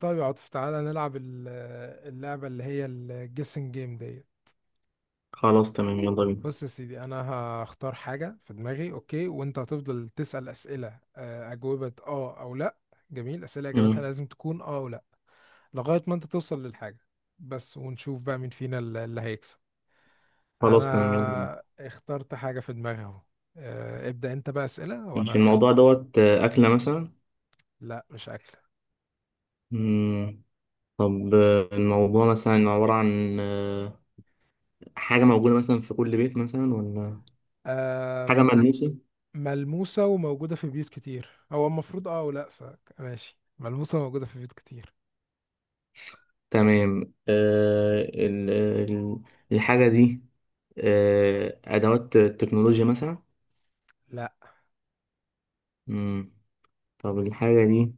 طيب يا عاطف، تعالى نلعب اللعبة اللي هي الجيسنج جيم ديت. خلاص تمام، يلا بينا. بص يا سيدي، انا هختار حاجة في دماغي، اوكي؟ وانت هتفضل تسأل اسئلة اجوبة اه او لا. جميل، اسئلة اجابتها مم. لازم تكون اه او لا لغاية ما انت توصل للحاجة بس، ونشوف بقى مين فينا اللي هيكسب. خلاص تمام، يلا بينا. انا اخترت حاجة في دماغي اهو. ابدأ انت بقى اسئلة ماشي. وانا هجاوب. الموضوع دوت أكلة مثلا؟ لا، مش مم. طب الموضوع مثلا عبارة عن حاجة موجودة مثلا في كل بيت مثلا، ولا حاجة اكل. ملموسة؟ ملموسة وموجودة في بيوت كتير، هو المفروض اه ولا ماشي، ملموسة وموجودة في بيوت كتير. تمام. الحاجة دي أدوات تكنولوجيا مثلا؟ لا، مم. طب الحاجة دي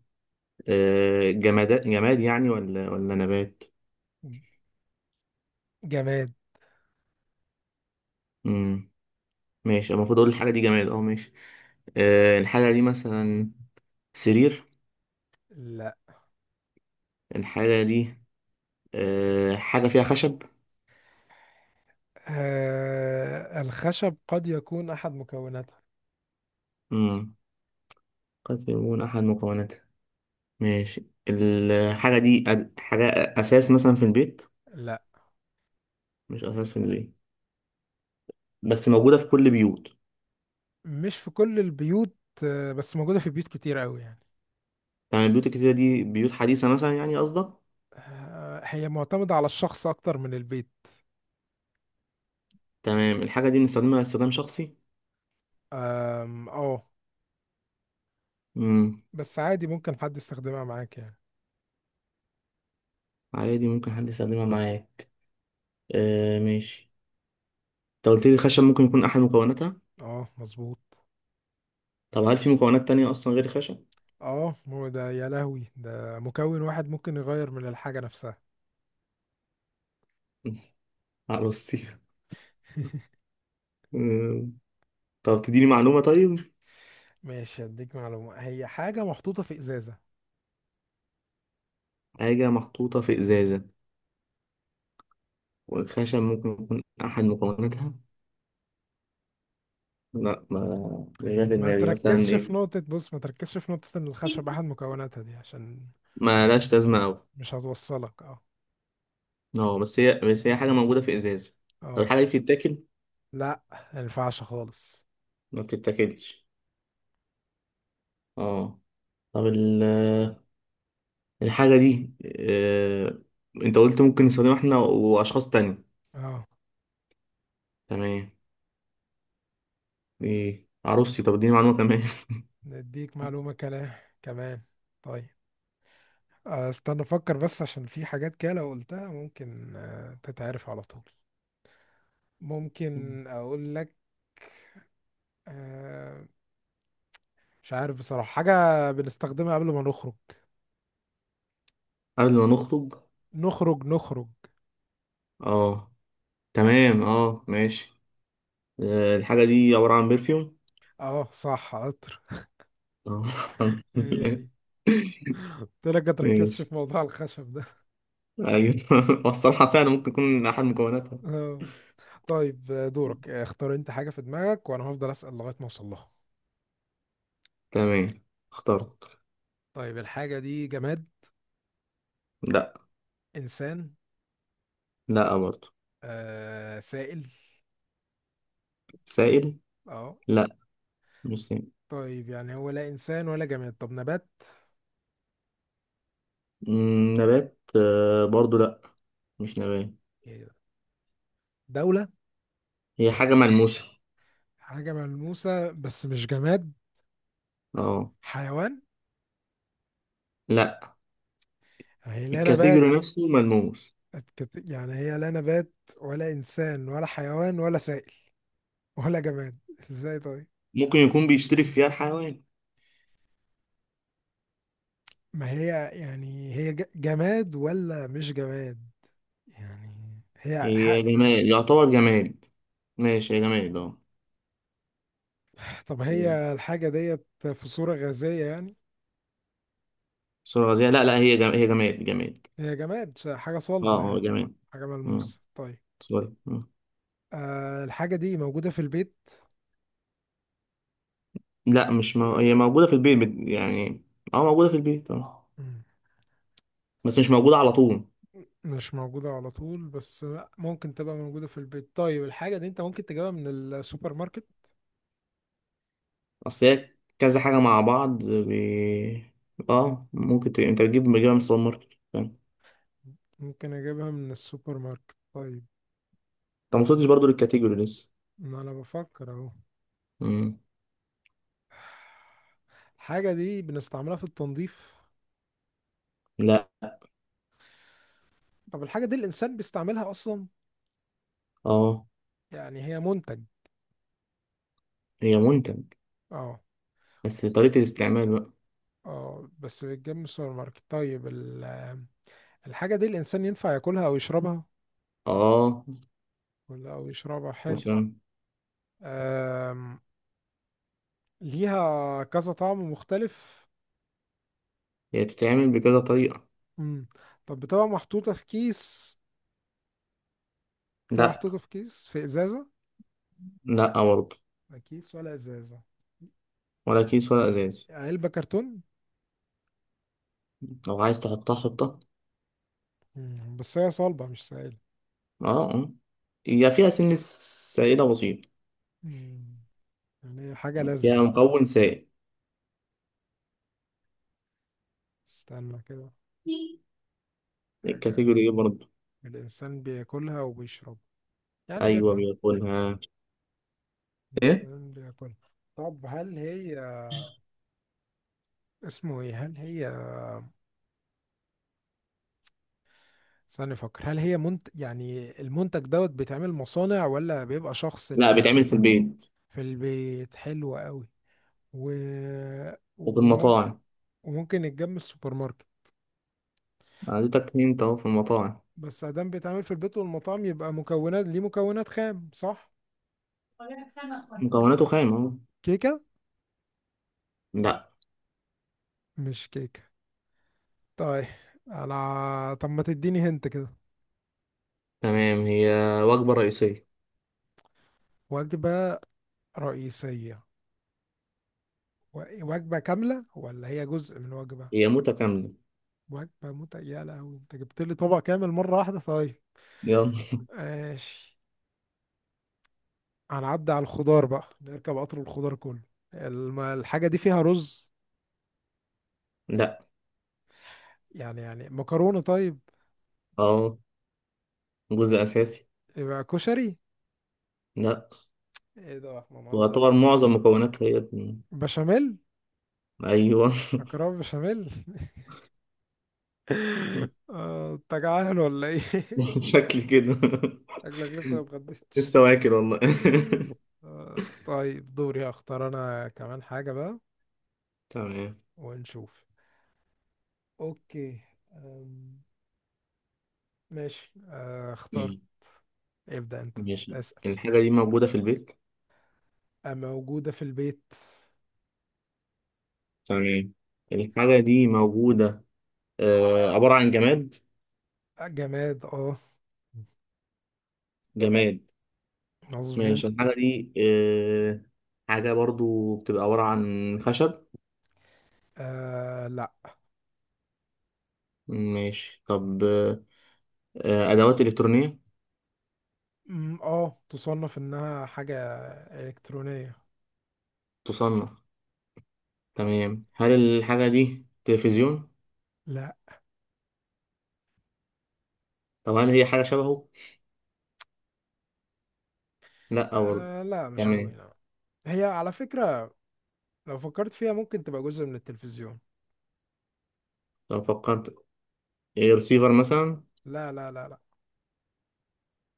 جماد جماد يعني، ولا نبات؟ جماد. مم. ماشي، المفروض أقول الحاجة دي جماد. أه ماشي. الحاجة دي مثلا سرير؟ لا. الحاجة دي حاجة فيها خشب؟ آه، الخشب قد يكون أحد مكوناتها. مم. قد يكون أحد مكوناتها. ماشي، الحاجة دي حاجة أساس مثلا في البيت؟ لا، مش أساس في البيت، بس موجودة في كل بيوت؟ مش في كل البيوت. آه، بس موجودة في بيوت كتير قوي يعني. تمام، البيوت الكتيرة دي بيوت حديثة مثلا يعني قصدك؟ آه، هي معتمدة على الشخص أكتر من البيت. تمام، الحاجة دي بنستخدمها استخدام شخصي؟ اه. مم. بس عادي ممكن حد يستخدمها معاك يعني. عادي ممكن حد يستخدمها معايا. آه ماشي. أنت قلت لي الخشب ممكن يكون أحد مكوناتها. اه، مظبوط. طب هل في مكونات تانية أصلا غير الخشب؟ اه، ما هو ده يا لهوي، ده مكون واحد ممكن يغير من الحاجة نفسها. على طيب. طب تديني معلومة طيب. ماشي، هديك معلومة، هي حاجة محطوطة في إزازة. حاجة محطوطة في إزازة والخشب ممكن يكون أحد مكوناتها. لا، ما مش جاية في ما دماغي مثلا تركزش في إيه. نقطة، بص ما تركزش في نقطة إن الخشب أحد مكوناتها دي عشان ما لهاش لازمة أوي. مش هتوصلك. اه. أه، بس هي حاجة موجودة في إزازة. طب اه. الحاجة دي بتتاكل؟ لا، ما ينفعش خالص. ما بتتاكلش. أه. طب الحاجة دي آه... أنت قلت ممكن نستخدمها إحنا وأشخاص تانية. اه. تمام. دي عروستي، طب اديني معلومة كمان. نديك معلومة كلام كمان. طيب استنى أفكر بس، عشان في حاجات كده لو قلتها ممكن تتعرف على طول. ممكن أقول لك. آه، مش عارف بصراحة، حاجة بنستخدمها قبل ما نخرج. قبل ما نخطب؟ نخرج نخرج. أه. تمام، أه ماشي. الحاجة دي عبارة عن برفيوم؟ اه صح، عطر. آه. هي دي، قلت لك ما تركزش ماشي. في موضوع الخشب ده. ايوه. اصل فعلا ممكن يكون احد مكوناتها. آه. طيب، دورك، اختار انت حاجة في دماغك وانا هفضل اسأل لغاية ما اوصل لها. تمام، اخترت. طيب، الحاجة دي جماد؟ لا. انسان؟ لا برضو. آه، سائل؟ سائل. اه. لا. مش سائل. طيب يعني هو لا انسان ولا جماد، طب نبات؟ نبات؟ برضو لا. مش نبات. إيه ده؟ دولة؟ هي حاجة ملموسة. حاجة ملموسة بس مش جماد؟ اه. حيوان؟ لا. هي لا نبات، الكاتيجوري نفسه ملموس. أتكت- يعني هي لا نبات ولا انسان ولا حيوان ولا سائل ولا جماد، ازاي طيب؟ ممكن يكون بيشترك فيها الحيوان. ما هي يعني هي جماد ولا مش جماد؟ يعني هي حق. هي جماد، يعتبر جماد. ماشي، هي جماد اه. طب تمام. هي الحاجة ديت في صورة غازية يعني؟ صورة غازية؟ لا لا، هي جماد، هي جماد جماد. هي جماد، حاجة اه صلبة اه يعني؟ جماد. حاجة آه، ملموسة طيب. سوري. آه، الحاجة دي موجودة في البيت؟ لا، مش هي موجودة في البيت يعني اه، موجودة في البيت اه. مم. بس مش موجودة على طول. مش موجودة على طول بس، لأ ممكن تبقى موجودة في البيت. طيب، الحاجة دي انت ممكن تجيبها من السوبر ماركت؟ اصل هي كذا حاجة مع بعض اه ممكن انت تجيب، بتجيبها من السوبر ماركت، فاهم انت. ممكن اجيبها من السوبر ماركت طيب. ما وصلتش مم، برضه للكاتيجوري لسه. ما انا بفكر اهو. مم. الحاجة دي بنستعملها في التنظيف؟ لا. طب الحاجة دي الإنسان بيستعملها أصلا؟ اه، يعني هي منتج؟ هي منتج. اه. بس طريقة الاستعمال بقى. اه، بس بيتجاب من السوبر ماركت. طيب، الحاجة دي الإنسان ينفع ياكلها أو يشربها؟ اه. ولا أو يشربها حلو. وصل. آم، ليها كذا طعم مختلف؟ هي بتتعمل بكذا طريقة. مم. طب بتبقى محطوطة في كيس؟ بتبقى لا. محطوطة في كيس في إزازة؟ لا برضه، لا كيس ولا إزازة؟ ولا كيس ولا ازاز. علبة كرتون؟ لو عايز تحطها حطها. مم. بس هي صلبة مش سائلة؟ اه اه. هي فيها سنة سائلة بسيطة. مم. يعني هي حاجة فيها لزجة؟ مكون سائل. استنى كده، حاجة الكاتيجوري ايه برضه؟ الإنسان بياكلها وبيشرب، يعني ايوه بياكلها. بياكلها. ايه. الإنسان بياكلها. طب هل هي اسمه ايه، هل هي ثاني، فكر، هل هي منت، يعني المنتج دوت بيتعمل مصانع ولا بيبقى شخص اللي لا، بيعمل بيتعمل في فردي؟ البيت في البيت، حلو قوي. و، وفي وممكن، المطاعم. وممكن يتجاب من السوبر ماركت. أنا اديتك هنت اهو، في المطاعم. بس ادام بيتعمل في البيت والمطاعم يبقى مكونات ليه مكونات خام صح. مكوناته خام اهو. كيكة؟ لا. مش كيكة؟ طيب. على. طب ما تديني هنت كده. تمام، هي وجبة رئيسية. وجبة رئيسية. وجبة كاملة ولا هي جزء من وجبة؟ هي متكاملة. وجبة مت، يا لهوي انت جبت لي طبق كامل مرة واحدة. طيب، يلا. ماشي، هنعدي على الخضار بقى، نركب قطر الخضار كله. الحاجة دي فيها رز؟ لا. يعني مكرونة طيب. اه، جزء في- اساسي. يبقى كشري. لا. ايه ده، احنا بنهزر؟ ويعتبر معظم مكوناتها هي. بشاميل. ايوه. مكرونة بشاميل. انت جعان ولا ايه؟ شكل كده. شكلك لسه ما اتغديتش. لسه واكل والله. طيب، دوري، هختار انا كمان حاجة بقى، تمام. ونشوف. اوكي. أم، ماشي، اخترت. ابدأ انت. ماشي. اسأل. الحاجة دي موجودة في البيت. موجودة في البيت. تمام. الحاجة دي موجودة، عبارة عن جماد. جماد اه، جماد. ماشي، مظبوط. الحاجة دي حاجة برضو بتبقى عبارة عن خشب؟ آه لا. ماشي، طب أدوات إلكترونية، اه، تصنف انها حاجة الكترونية. تصنع. تمام، هل الحاجة دي تلفزيون؟ لا. طب هل هي حاجة شبهه؟ لا برضو. آه لا، مش قوي تمام. لا. هي على فكرة لو فكرت فيها ممكن تبقى جزء من التلفزيون. طب فكرت، إيه، رسيفر مثلا؟ لا لا لا لا.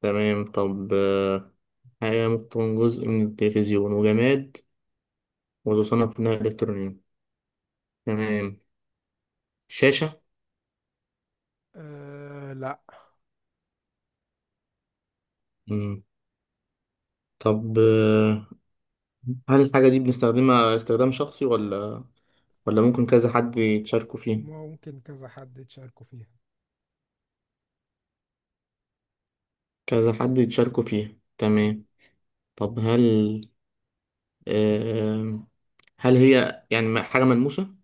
تمام، طب حاجة ممكن تكون جزء من التلفزيون وجماد، وتصنف إنها إلكترونية. تمام، شاشة؟ آه لا. مم. طب هل الحاجة دي بنستخدمها استخدام شخصي، ولا ولا ممكن كذا حد يتشاركوا فيه؟ ممكن كذا حد يتشاركوا فيها. كذا حد يتشاركوا فيه. تمام. طب هل آم، هل هي يعني حاجة ملموسة؟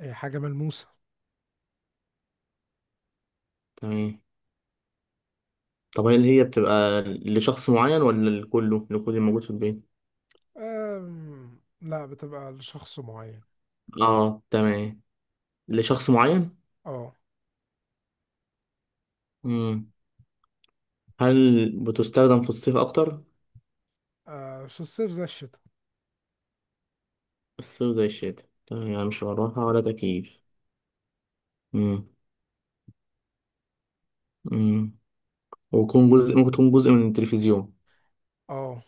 هي حاجة ملموسة. تمام. طب هل هي بتبقى لشخص معين، ولا لكله، لكل الموجود في البيت؟ آه لا، بتبقى لشخص معين. اه تمام، لشخص معين. اه. مم. هل بتستخدم في الصيف اكتر؟ آه، في الصيف زي الشتاء. الصيف زي الشتاء. تمام، يعني مش مروحة ولا تكييف. مم. مم. ويكون جزء، ممكن تكون جزء من التلفزيون. اه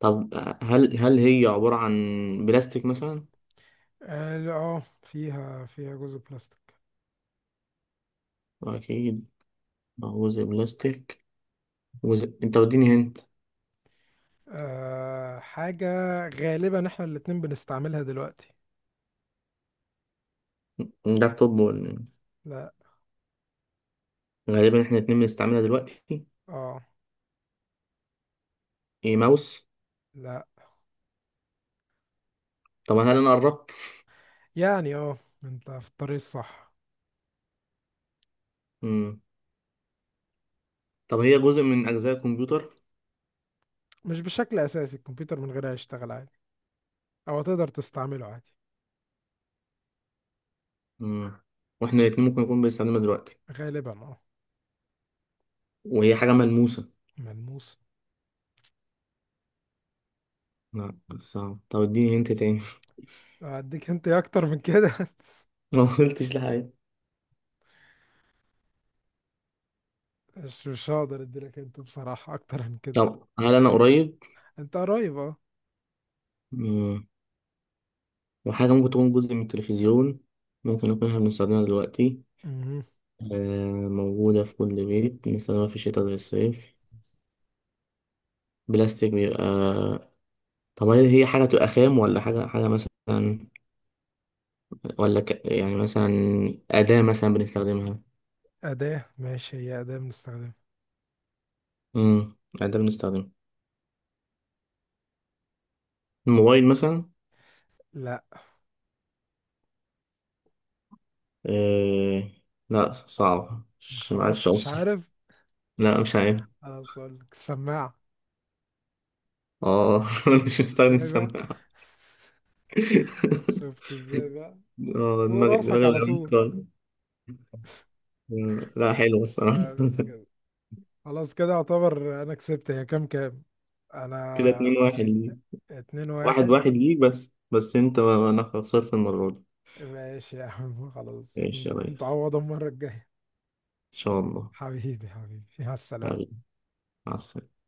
طب هل هي عبارة عن بلاستيك مثلا؟ اه لا، فيها جزء بلاستيك. أكيد، بعوز بلاستيك. أنت وديني هنت. آه، حاجة غالبا احنا الاتنين بنستعملها دلوقتي. لابتوب ولا؟ لا. غالبا إحنا الاتنين بنستعملها دلوقتي. اه، إيه ماوس؟ لا. طب هل أنا قربت؟ يعني اه، انت في الطريق الصح. مم. طب هي جزء من أجزاء الكمبيوتر؟ مش بشكل اساسي، الكمبيوتر من غيرها يشتغل عادي او تقدر تستعمله عادي. مم. وإحنا الاتنين ممكن نكون بنستعملها دلوقتي، غالبا اه. وهي حاجة ملموسة. ملموس. لا صعب، طب اديني هنت تاني. اديك، انت اكتر من كده. ما قلتش لحاجة. مش هقدر اديلك انت بصراحة اكتر من كده. طب هل أنا قريب؟ انت قريب اه. مم. وحاجة ممكن تكون جزء من التلفزيون، ممكن نكون إحنا بنستخدمها دلوقتي، مهم. موجودة في كل بيت، بنستخدمها في الشتاء زي الصيف، بلاستيك بيبقى. طب هل هي حاجة بتبقى خام، ولا حاجة حاجة مثلا، ولا يعني مثلا أداة مثلا بنستخدمها؟ اداة، ماشي هي اداة بنستخدمها. امم أداة بنستخدمها، الموبايل مثلا؟ لا. آه... لا صعب، مش معرفش خلاص مش أوصل. عارف. لا مش عارف. خلاص أقول لك، السماعة. اه. مش مستخدم ازاي بقى؟ سماعة. شفت ازاي بقى؟ اه، فوق دماغي راسك دماغي على بتعمل طول. كده. لا حلو الصراحة. بس كده، خلاص كده اعتبر انا كسبت. هي كام كام كده انا؟ 2-1 ليك. اتنين واحد واحد. واحد ليك، بس بس انت انا خسرت المرة دي. ماشي يا عم، خلاص، ماشي يا ريس. نتعوض المرة الجاية. ان شاء الله. حبيبي حبيبي، مع السلامة. حبيبي، مع السلامة.